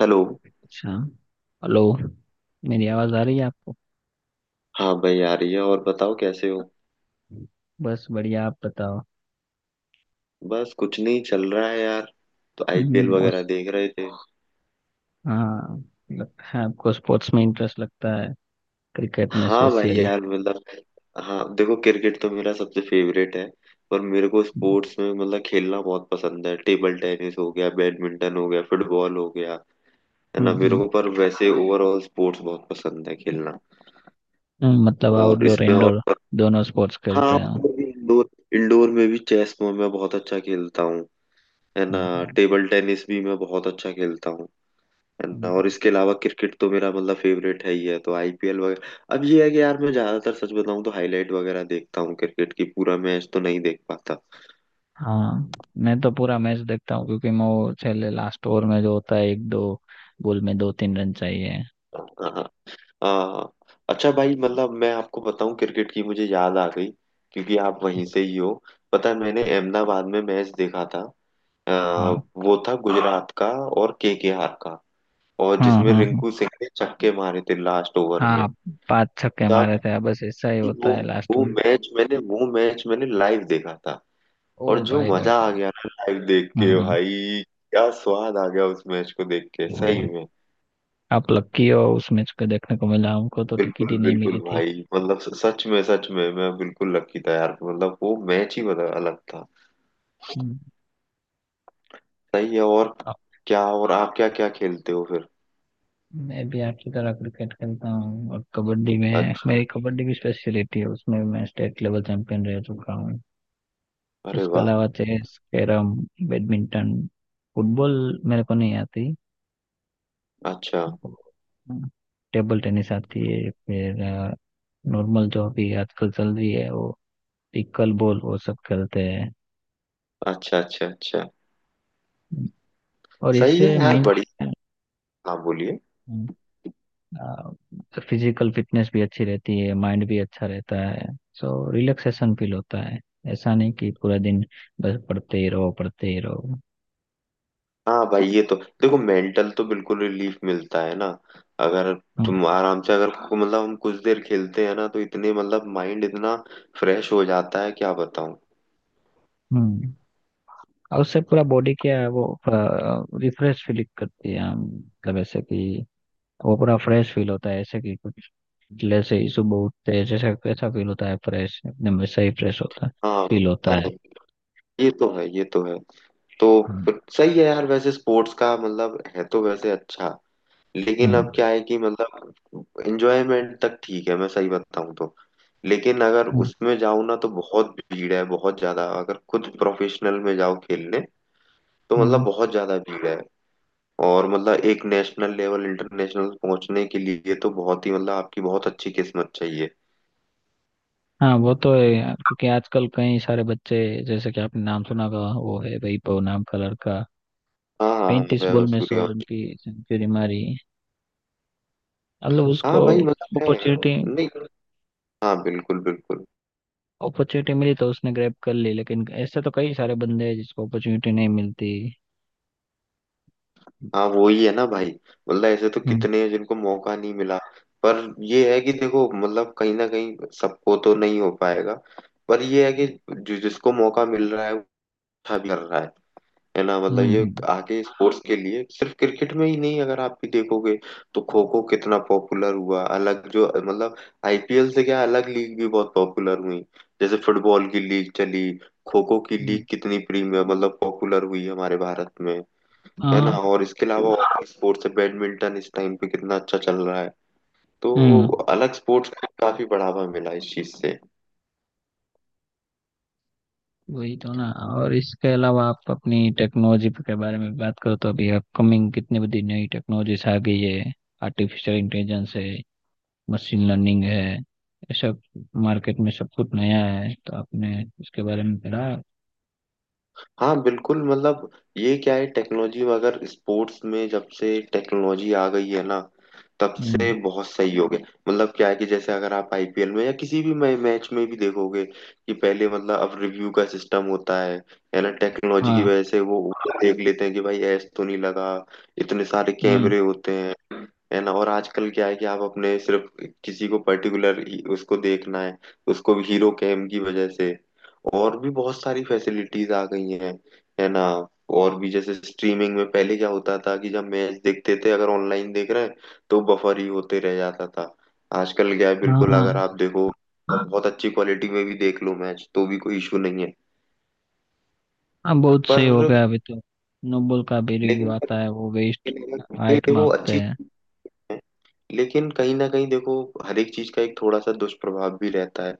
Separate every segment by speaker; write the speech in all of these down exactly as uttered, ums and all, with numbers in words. Speaker 1: Hello.
Speaker 2: अच्छा। Hello. मेरी आवाज़ आ रही है आपको?
Speaker 1: हाँ भाई आ रही है। और बताओ, कैसे हो?
Speaker 2: बस बढ़िया, आप बताओ।
Speaker 1: बस कुछ नहीं चल रहा है यार। तो आईपीएल
Speaker 2: हम्म, और?
Speaker 1: वगैरह देख रहे थे।
Speaker 2: हाँ। लगता है आपको स्पोर्ट्स में इंटरेस्ट लगता है, क्रिकेट में
Speaker 1: हाँ भाई
Speaker 2: स्पेशली।
Speaker 1: यार, मतलब। हाँ देखो, क्रिकेट तो मेरा सबसे फेवरेट है। पर मेरे को
Speaker 2: हम्म।
Speaker 1: स्पोर्ट्स में मतलब खेलना बहुत पसंद है। टेबल टेनिस हो गया, बैडमिंटन हो गया, फुटबॉल हो गया। है ना? मेरे
Speaker 2: हम्म,
Speaker 1: को पर वैसे ओवरऑल स्पोर्ट्स बहुत पसंद है खेलना।
Speaker 2: हम्म, मतलब
Speaker 1: और
Speaker 2: आउटडोर
Speaker 1: इसमें और।
Speaker 2: इंडोर दोनों स्पोर्ट्स खेलते
Speaker 1: हाँ
Speaker 2: हैं? हम्म,
Speaker 1: मतलब इंडोर। इंडोर में भी चेस में मैं बहुत अच्छा खेलता हूँ। है ना।
Speaker 2: हम्म, हम्म।
Speaker 1: टेबल टेनिस भी मैं बहुत अच्छा खेलता हूँ। है ना।
Speaker 2: हम्म।
Speaker 1: और इसके अलावा क्रिकेट तो मेरा मतलब फेवरेट है ही है। तो आईपीएल वगैरह, अब ये है कि यार मैं ज्यादातर सच बताऊं तो हाईलाइट वगैरह देखता हूँ क्रिकेट की। पूरा मैच तो नहीं देख पाता।
Speaker 2: हाँ, मैं तो पूरा मैच देखता हूँ क्योंकि मैं वो पहले लास्ट ओवर में जो होता है, एक दो बॉल में दो तीन रन चाहिए।
Speaker 1: हाँ, हाँ। हाँ। हाँ। अच्छा भाई, मतलब मैं आपको बताऊं, क्रिकेट की मुझे याद आ गई क्योंकि आप वहीं से ही हो। पता है, मैंने अहमदाबाद में मैच देखा था।
Speaker 2: हाँ
Speaker 1: अ, वो था गुजरात का और केकेआर का। और
Speaker 2: हाँ
Speaker 1: जिसमें
Speaker 2: हाँ हाँ।
Speaker 1: रिंकू सिंह ने छक्के मारे थे लास्ट ओवर में।
Speaker 2: हाँ। पांच छक्के
Speaker 1: आप
Speaker 2: मारे थे, बस ऐसा ही होता
Speaker 1: वो
Speaker 2: है लास्ट
Speaker 1: वो
Speaker 2: में।
Speaker 1: मैच मैंने वो मैच मैंने लाइव देखा था।
Speaker 2: ओ
Speaker 1: और जो
Speaker 2: भाई भाई।
Speaker 1: मजा आ गया ना, लाइव देख के
Speaker 2: हम्म।
Speaker 1: भाई। क्या स्वाद आ गया उस मैच को देख के, सही में।
Speaker 2: आप लकी हो, उस मैच को देखने को मिला, हमको तो टिकट ही
Speaker 1: बिल्कुल,
Speaker 2: नहीं
Speaker 1: बिल्कुल
Speaker 2: मिली थी।
Speaker 1: भाई, मतलब स- सच में, सच में मैं बिल्कुल लकी था यार। मतलब वो मैच ही बदल अलग था।
Speaker 2: हम्म,
Speaker 1: सही है। और
Speaker 2: अब
Speaker 1: क्या, और आप क्या क्या खेलते हो फिर?
Speaker 2: मैं भी आपकी तरह क्रिकेट खेलता हूँ, और कबड्डी में
Speaker 1: अच्छा।
Speaker 2: मेरी, कबड्डी की स्पेशलिटी है, उसमें मैं स्टेट लेवल चैंपियन रह चुका हूँ।
Speaker 1: अरे
Speaker 2: उसके
Speaker 1: वाह।
Speaker 2: अलावा चेस, कैरम, बैडमिंटन, फुटबॉल मेरे को नहीं आती।
Speaker 1: अच्छा,
Speaker 2: टेबल टेनिस आती है। फिर अ, नॉर्मल जो अभी आजकल चल रही है, वो पिकल बॉल, वो सब खेलते हैं।
Speaker 1: अच्छा, अच्छा। अच्छा।
Speaker 2: और
Speaker 1: सही है
Speaker 2: इससे
Speaker 1: यार,
Speaker 2: मेनली
Speaker 1: बढ़िया। हाँ, बोलिए।
Speaker 2: फिजिकल फिटनेस भी अच्छी रहती है, माइंड भी अच्छा रहता है, सो रिलैक्सेशन फील होता है। ऐसा नहीं कि पूरा दिन बस पढ़ते ही रहो पढ़ते ही रहो।
Speaker 1: हाँ भाई, ये तो देखो मेंटल तो बिल्कुल रिलीफ मिलता है ना। अगर
Speaker 2: हम्म।
Speaker 1: तुम आराम से अगर को- मतलब हम कुछ देर खेलते हैं ना तो इतने मतलब माइंड इतना फ्रेश हो जाता है, क्या बताऊं।
Speaker 2: हम्म। और उससे पूरा बॉडी क्या है, वो रिफ्रेश फील करती है, हम मतलब ऐसे कि वो पूरा फ्रेश फील होता है, ऐसे कि कुछ, जैसे ही सुबह उठते हैं जैसे कैसा फील होता है फ्रेश एकदम, वैसा ही फ्रेश होता है,
Speaker 1: हाँ,
Speaker 2: फील होता है।
Speaker 1: हाँ, ये तो है, ये तो है। तो
Speaker 2: हम्म।
Speaker 1: फिर सही है यार, वैसे स्पोर्ट्स का मतलब है तो वैसे अच्छा। लेकिन अब
Speaker 2: हम्म।
Speaker 1: क्या है कि मतलब एंजॉयमेंट तक ठीक है, मैं सही बताऊं तो। लेकिन अगर
Speaker 2: हम्म,
Speaker 1: उसमें जाऊं ना तो बहुत भीड़ है, बहुत ज्यादा, अगर खुद प्रोफेशनल में जाओ खेलने। तो मतलब
Speaker 2: हम्म।
Speaker 1: बहुत ज्यादा भीड़ है। और मतलब एक नेशनल लेवल इंटरनेशनल पहुंचने के लिए तो बहुत ही मतलब आपकी बहुत अच्छी किस्मत चाहिए।
Speaker 2: हाँ, वो तो है यार, क्योंकि आजकल कई सारे बच्चे, जैसे कि आपने नाम सुना होगा, वो है वैभव नाम का लड़का,
Speaker 1: हाँ, हाँ, हाँ,
Speaker 2: पैंतीस बॉल
Speaker 1: वैभव
Speaker 2: में सौ रन
Speaker 1: सूर्यवंशी।
Speaker 2: की सेंचुरी मारी। मतलब उसको
Speaker 1: हाँ भाई, मतलब है।
Speaker 2: अपॉर्चुनिटी
Speaker 1: नहीं। हाँ, बिल्कुल, बिल्कुल।
Speaker 2: अपॉर्चुनिटी मिली तो उसने ग्रैब कर ली, लेकिन ऐसे तो कई सारे बंदे हैं जिसको अपॉर्चुनिटी नहीं मिलती।
Speaker 1: हाँ, वो ही है ना भाई। मतलब ऐसे तो
Speaker 2: हम्म।
Speaker 1: कितने हैं जिनको मौका नहीं मिला। पर ये है कि देखो, मतलब कहीं ना कहीं सबको तो नहीं हो पाएगा। पर ये है कि जि- जिसको मौका मिल रहा है, वो अच्छा भी कर रहा है। है ना? मतलब ये
Speaker 2: हम्म।
Speaker 1: आगे स्पोर्ट्स के लिए सिर्फ क्रिकेट में ही नहीं, अगर आप भी देखोगे। तो खो खो कितना पॉपुलर हुआ अलग, जो मतलब। आईपीएल से क्या अलग लीग भी बहुत पॉपुलर हुई। जैसे फुटबॉल की लीग चली। खो खो की
Speaker 2: हम्म,
Speaker 1: लीग कितनी प्रीमियर मतलब पॉपुलर हुई हमारे भारत में। है ना?
Speaker 2: हाँ।
Speaker 1: और इसके अलावा और स्पोर्ट्स है, बैडमिंटन इस टाइम पे कितना अच्छा चल रहा है। तो
Speaker 2: हम्म।
Speaker 1: अलग स्पोर्ट्स को काफी बढ़ावा मिला इस चीज से।
Speaker 2: वही तो ना। और इसके अलावा, आप अपनी टेक्नोलॉजी के बारे में बात करो तो अभी अपकमिंग कितनी बड़ी नई टेक्नोलॉजीज आ गई है। आर्टिफिशियल इंटेलिजेंस है, मशीन लर्निंग है, ये सब मार्केट में सब कुछ नया है, तो आपने इसके बारे में पढ़ा?
Speaker 1: हाँ बिल्कुल, मतलब। ये क्या है टेक्नोलॉजी, अगर स्पोर्ट्स में जब से टेक्नोलॉजी आ गई है ना, तब से
Speaker 2: हम्म।
Speaker 1: बहुत सही हो गया। मतलब क्या है कि जैसे अगर आप आईपीएल में या किसी भी मै- मैच में भी देखोगे कि पहले मतलब अब रिव्यू का सिस्टम होता है। है ना, टेक्नोलॉजी की
Speaker 2: हाँ।
Speaker 1: वजह से वो देख लेते हैं कि भाई ऐस तो नहीं लगा। इतने सारे
Speaker 2: हम्म।
Speaker 1: कैमरे होते हैं। है ना? और आजकल क्या है कि आप अपने सिर्फ किसी को पर्टिकुलर उसको देखना है, उसको भी हीरो कैम की वजह से और भी बहुत सारी फैसिलिटीज आ गई हैं। है ना? और भी जैसे स्ट्रीमिंग में पहले क्या होता था कि जब मैच देखते थे, अगर ऑनलाइन देख रहे हैं, तो बफर ही होते रह जाता था। आजकल क्या है,
Speaker 2: हाँ।
Speaker 1: बिल्कुल
Speaker 2: हाँ।
Speaker 1: अगर आप देखो, बहुत अच्छी क्वालिटी में भी देख लो मैच, तो भी कोई इशू नहीं है।
Speaker 2: हाँ, बहुत सही हो
Speaker 1: पर
Speaker 2: गया अभी तो। नोबल का भी रिव्यू
Speaker 1: लेकिन पर
Speaker 2: आता है, वो वेस्ट,
Speaker 1: ये
Speaker 2: हाइट
Speaker 1: देखो,
Speaker 2: मापते
Speaker 1: अच्छी
Speaker 2: हैं।
Speaker 1: चीज है। लेकिन कहीं ना कहीं देखो, हर एक चीज का एक थोड़ा सा दुष्प्रभाव भी रहता है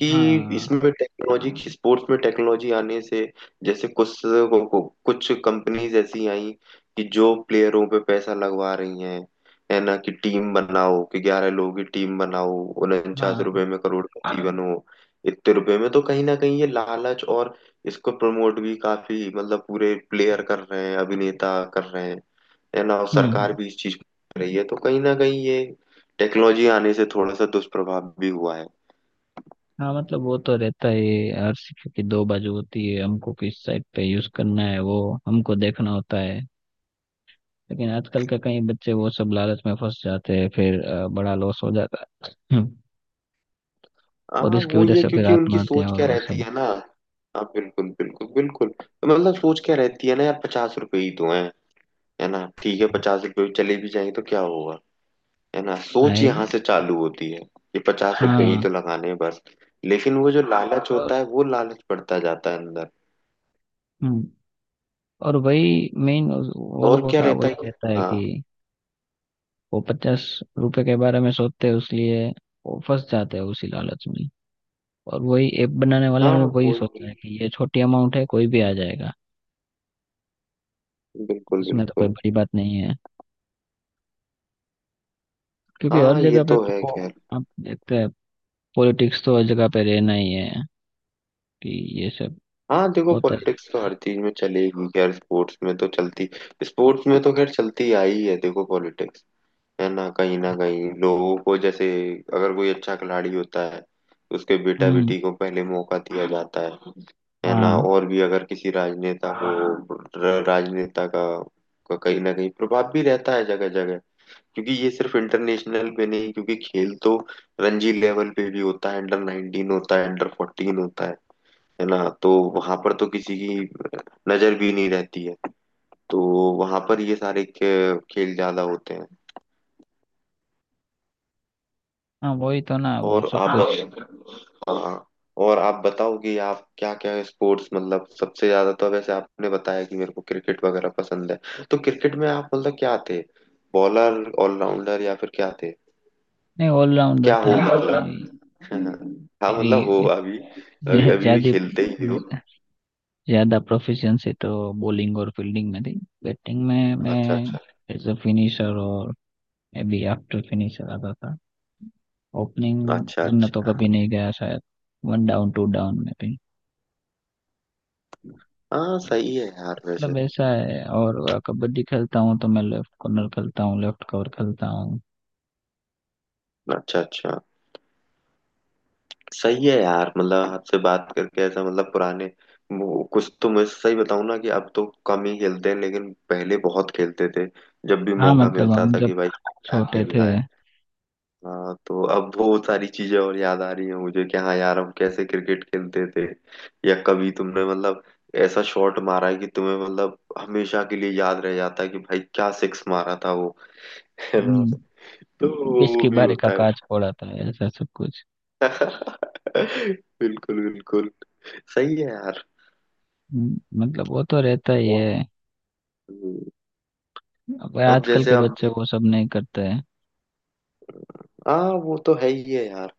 Speaker 1: कि
Speaker 2: हाँ।
Speaker 1: इसमें टेक्नोलॉजी, स्पोर्ट्स में टेक्नोलॉजी आने से। जैसे कुछ को, को, कुछ कंपनीज ऐसी आई कि जो प्लेयरों पे पैसा लगवा रही हैं। है ना, कि टीम बनाओ, कि ग्यारह लोगों की टीम बनाओ। उनचास
Speaker 2: हाँ।
Speaker 1: रुपए में करोड़पति बनो। इतने रुपए में तो कहीं ना कहीं ये लालच, और इसको प्रमोट भी काफी मतलब पूरे प्लेयर कर रहे हैं, अभिनेता कर रहे हैं। है ना। और सरकार
Speaker 2: हम्म।
Speaker 1: भी इस चीज को देख रही है, तो कहीं ना कहीं ये टेक्नोलॉजी आने से थोड़ा सा दुष्प्रभाव भी हुआ है।
Speaker 2: हाँ, मतलब वो तो रहता ही है, हर सिक्के की दो बाजू होती है, हमको किस साइड पे यूज करना है वो हमको देखना होता है। लेकिन आजकल के कई बच्चे वो सब लालच में फंस जाते हैं, फिर अ, बड़ा लॉस हो जाता है। और
Speaker 1: हाँ
Speaker 2: इसकी
Speaker 1: वो
Speaker 2: वजह
Speaker 1: ये,
Speaker 2: से फिर
Speaker 1: क्योंकि उनकी
Speaker 2: आत्महत्या
Speaker 1: सोच
Speaker 2: और
Speaker 1: क्या
Speaker 2: वो
Speaker 1: रहती
Speaker 2: सब।
Speaker 1: है ना। हाँ, बिल्कुल, बिल्कुल, बिल्कुल। मतलब सोच क्या रहती है ना यार, पचास रुपए ही तो है। है ना? ठीक है, पचास रुपए भी चले भी जाएंगे तो क्या होगा। है ना? सोच
Speaker 2: आए।
Speaker 1: यहाँ से चालू होती है। ये पचास रुपए ही
Speaker 2: हाँ।
Speaker 1: तो लगाने हैं बस। लेकिन वो जो लालच
Speaker 2: और
Speaker 1: होता है, वो लालच बढ़ता जाता है अंदर।
Speaker 2: हम्म, और वही मेन वो
Speaker 1: और
Speaker 2: लोगों
Speaker 1: क्या
Speaker 2: का
Speaker 1: रहता है
Speaker 2: वही
Speaker 1: कि-
Speaker 2: रहता है
Speaker 1: हाँ,
Speaker 2: कि वो पचास रुपए के बारे में सोचते हैं, इसलिए वो फंस जाते हैं उसी लालच में। और वही ऐप बनाने वाले
Speaker 1: हाँ।
Speaker 2: ने वही
Speaker 1: वो,
Speaker 2: सोचा है कि ये छोटी अमाउंट है, कोई भी आ जाएगा।
Speaker 1: बिल्कुल,
Speaker 2: उसमें तो कोई
Speaker 1: बिल्कुल।
Speaker 2: बड़ी बात नहीं है। क्योंकि हर
Speaker 1: हाँ ये
Speaker 2: जगह पे
Speaker 1: तो है
Speaker 2: पो-
Speaker 1: खैर।
Speaker 2: आप देखते हैं, पॉलिटिक्स तो हर जगह पे रहना ही है, कि ये सब
Speaker 1: हाँ देखो,
Speaker 2: होता ही
Speaker 1: पॉलिटिक्स तो
Speaker 2: रहता है।
Speaker 1: हर चीज में चलेगी, खैर स्पोर्ट्स में तो चलती। स्पोर्ट्स में तो खैर चलती आई है देखो पॉलिटिक्स। है ना? कहीं ना कहीं लोगों को जैसे अगर कोई अच्छा खिलाड़ी होता है, तो उसके बेटा
Speaker 2: हम्म।
Speaker 1: बेटी को पहले मौका दिया जाता है। है ना?
Speaker 2: हाँ।
Speaker 1: और भी अगर किसी राजनेता को, र- राजनेता का का कहीं ना कहीं प्रभाव भी रहता है जगह जगह। क्योंकि ये सिर्फ इंटरनेशनल पे नहीं, क्योंकि खेल तो रणजी लेवल पे भी होता है, अंडर नाइनटीन होता है, अंडर फोर्टीन होता है। है ना? तो वहां पर तो किसी की नजर भी नहीं रहती है। तो वहां पर ये सारे खे- खेल ज्यादा होते हैं।
Speaker 2: हाँ, वही तो ना, वो
Speaker 1: और
Speaker 2: सब
Speaker 1: आप हाँ,
Speaker 2: कुछ।
Speaker 1: ये तो है। हाँ। और आप बताओ कि आप क्या क्या स्पोर्ट्स मतलब सबसे ज्यादा, तो वैसे आपने बताया कि मेरे को क्रिकेट वगैरह पसंद है, तो क्रिकेट में आप मतलब क्या थे? बॉलर, ऑलराउंडर, या फिर क्या थे?
Speaker 2: नहीं, ऑलराउंडर
Speaker 1: क्या हो
Speaker 2: था। मेरी
Speaker 1: मतलब? हाँ मतलब हो,
Speaker 2: मेरी
Speaker 1: अभी अभी अभी भी
Speaker 2: ज्यादा,
Speaker 1: खेलते ही हो?
Speaker 2: ज्यादा प्रोफिशिएंसी तो बॉलिंग और फील्डिंग में थी। बैटिंग में मैं
Speaker 1: अच्छा, अच्छा,
Speaker 2: एज अ फिनिशर, और मे बी आफ्टर फिनिशर आता था। ओपनिंग
Speaker 1: अच्छा,
Speaker 2: करना तो
Speaker 1: अच्छा।
Speaker 2: कभी नहीं गया शायद, वन डाउन टू डाउन में भी।
Speaker 1: हाँ सही है यार वैसे।
Speaker 2: मतलब ऐसा है। और कबड्डी खेलता हूँ तो मैं लेफ्ट कॉर्नर खेलता हूँ, लेफ्ट कवर खेलता हूँ।
Speaker 1: अच्छा, अच्छा। सही है यार, मतलब आपसे बात करके ऐसा मतलब पुराने। वो कुछ तो मैं सही बताऊं ना कि अब तो कम ही खेलते हैं, लेकिन पहले बहुत खेलते थे। जब भी
Speaker 2: हाँ,
Speaker 1: मौका
Speaker 2: मतलब
Speaker 1: मिलता
Speaker 2: हम
Speaker 1: था
Speaker 2: जब
Speaker 1: कि भाई खेलना है,
Speaker 2: छोटे
Speaker 1: खेलना
Speaker 2: थे।
Speaker 1: है। हाँ, तो अब वो सारी चीजें और याद आ रही है मुझे कि हाँ यार, हम कैसे क्रिकेट खेलते थे। या कभी तुमने मतलब ऐसा शॉट मारा है कि तुम्हें मतलब हमेशा के लिए याद रह जाता है कि भाई क्या सिक्स मारा था वो। है ना?
Speaker 2: हम्म,
Speaker 1: तो वो
Speaker 2: किसकी
Speaker 1: भी
Speaker 2: बारी का
Speaker 1: होता है।
Speaker 2: काज पड़ा था, ऐसा सब कुछ।
Speaker 1: बिल्कुल, बिल्कुल। सही है यार।
Speaker 2: हम्म, मतलब वो तो रहता ही
Speaker 1: वो-
Speaker 2: है।
Speaker 1: हम्म,
Speaker 2: अब
Speaker 1: अब
Speaker 2: आजकल
Speaker 1: जैसे
Speaker 2: के
Speaker 1: अब
Speaker 2: बच्चे वो सब नहीं करते हैं।
Speaker 1: हाँ, वो तो है ही है यार।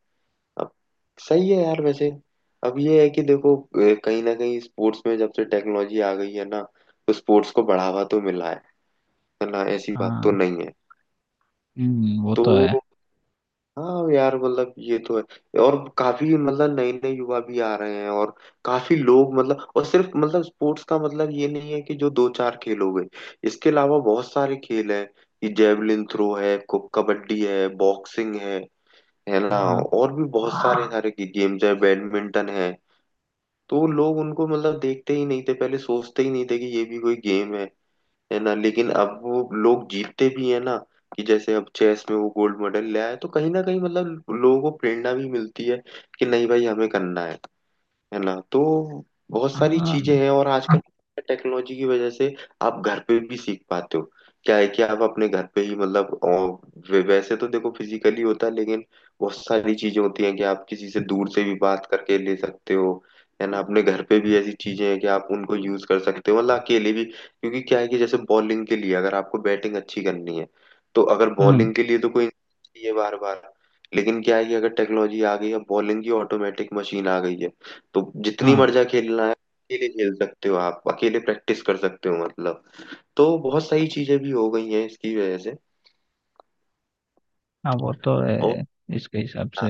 Speaker 1: अब सही है यार वैसे। अब ये है कि देखो, अ, कहीं ना कहीं स्पोर्ट्स में जब से टेक्नोलॉजी आ गई है ना, तो स्पोर्ट्स को बढ़ावा तो मिला है। है ना, ऐसी बात तो
Speaker 2: हाँ।
Speaker 1: नहीं है।
Speaker 2: हम्म, वो
Speaker 1: तो
Speaker 2: तो है।
Speaker 1: हाँ यार मतलब ये तो है। और काफी मतलब नए नए युवा भी आ रहे हैं, और काफी लोग मतलब, और सिर्फ मतलब स्पोर्ट्स का मतलब ये नहीं है कि जो दो चार खेल हो गए। इसके अलावा बहुत सारे खेल हैं कि जेवलिन थ्रो है, कु- कबड्डी है, बॉक्सिंग है। है ना?
Speaker 2: हाँ।
Speaker 1: और भी बहुत सारे सारे की गेम्स है, बैडमिंटन है। तो लोग उनको मतलब देखते ही नहीं थे पहले, सोचते ही नहीं थे कि ये भी कोई गेम है। है ना? लेकिन अब वो लोग जीतते भी है ना, कि जैसे अब चेस में वो गोल्ड मेडल ले आए, तो कहीं ना कहीं मतलब लोगों को प्रेरणा भी मिलती है कि नहीं भाई, हमें करना है। है ना? तो बहुत सारी
Speaker 2: हाँ।
Speaker 1: चीजें हैं, और आजकल टेक्नोलॉजी की वजह से आप घर पे भी सीख पाते हो। क्या है कि आप अपने घर पे ही मतलब अ, वे- वैसे तो देखो फिजिकली होता है, लेकिन बहुत सारी चीजें होती हैं कि आप किसी से दूर से भी बात करके ले सकते हो। है ना? अपने घर पे भी ऐसी चीजें हैं कि आप उनको यूज कर सकते हो मतलब अकेले भी, क्योंकि क्या है कि जैसे बॉलिंग के लिए अगर आपको बैटिंग अच्छी करनी है, तो अगर
Speaker 2: हम्म,
Speaker 1: बॉलिंग के लिए तो कोई चाहिए बार बार। लेकिन क्या है कि अगर टेक्नोलॉजी आ गई है, बॉलिंग की ऑटोमेटिक मशीन आ गई है, तो जितनी
Speaker 2: हाँ।
Speaker 1: मर्जा खेलना है अकेले खेल सकते हो, आप अकेले प्रैक्टिस कर सकते हो मतलब। तो बहुत सारी चीजें भी हो गई हैं इसकी वजह से।
Speaker 2: हाँ, वो तो
Speaker 1: और
Speaker 2: है, इसके हिसाब से
Speaker 1: हाँ,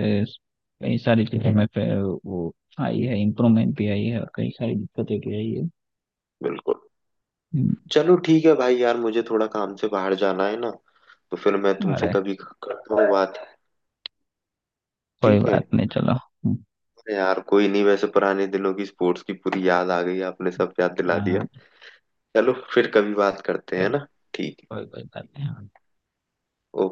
Speaker 2: कई सारी चीजों में पे वो आई है, इम्प्रूवमेंट भी आई है और कई सारी दिक्कतें भी आई है।
Speaker 1: बिल्कुल।
Speaker 2: हम्म,
Speaker 1: चलो ठीक है भाई यार, मुझे थोड़ा काम से बाहर जाना है ना, तो फिर मैं तुमसे
Speaker 2: अरे
Speaker 1: कभी करता हूँ बात।
Speaker 2: कोई
Speaker 1: ठीक है।
Speaker 2: बात नहीं, चलो। हम्म,
Speaker 1: अरे यार कोई नहीं, वैसे पुराने दिनों की स्पोर्ट्स की पूरी याद आ गई, आपने सब याद दिला दिया।
Speaker 2: हाँ।
Speaker 1: चलो फिर कभी बात करते हैं
Speaker 2: चलो।
Speaker 1: ना। ठीक है।
Speaker 2: कोई कोई बात नहीं। हाँ।
Speaker 1: ओके।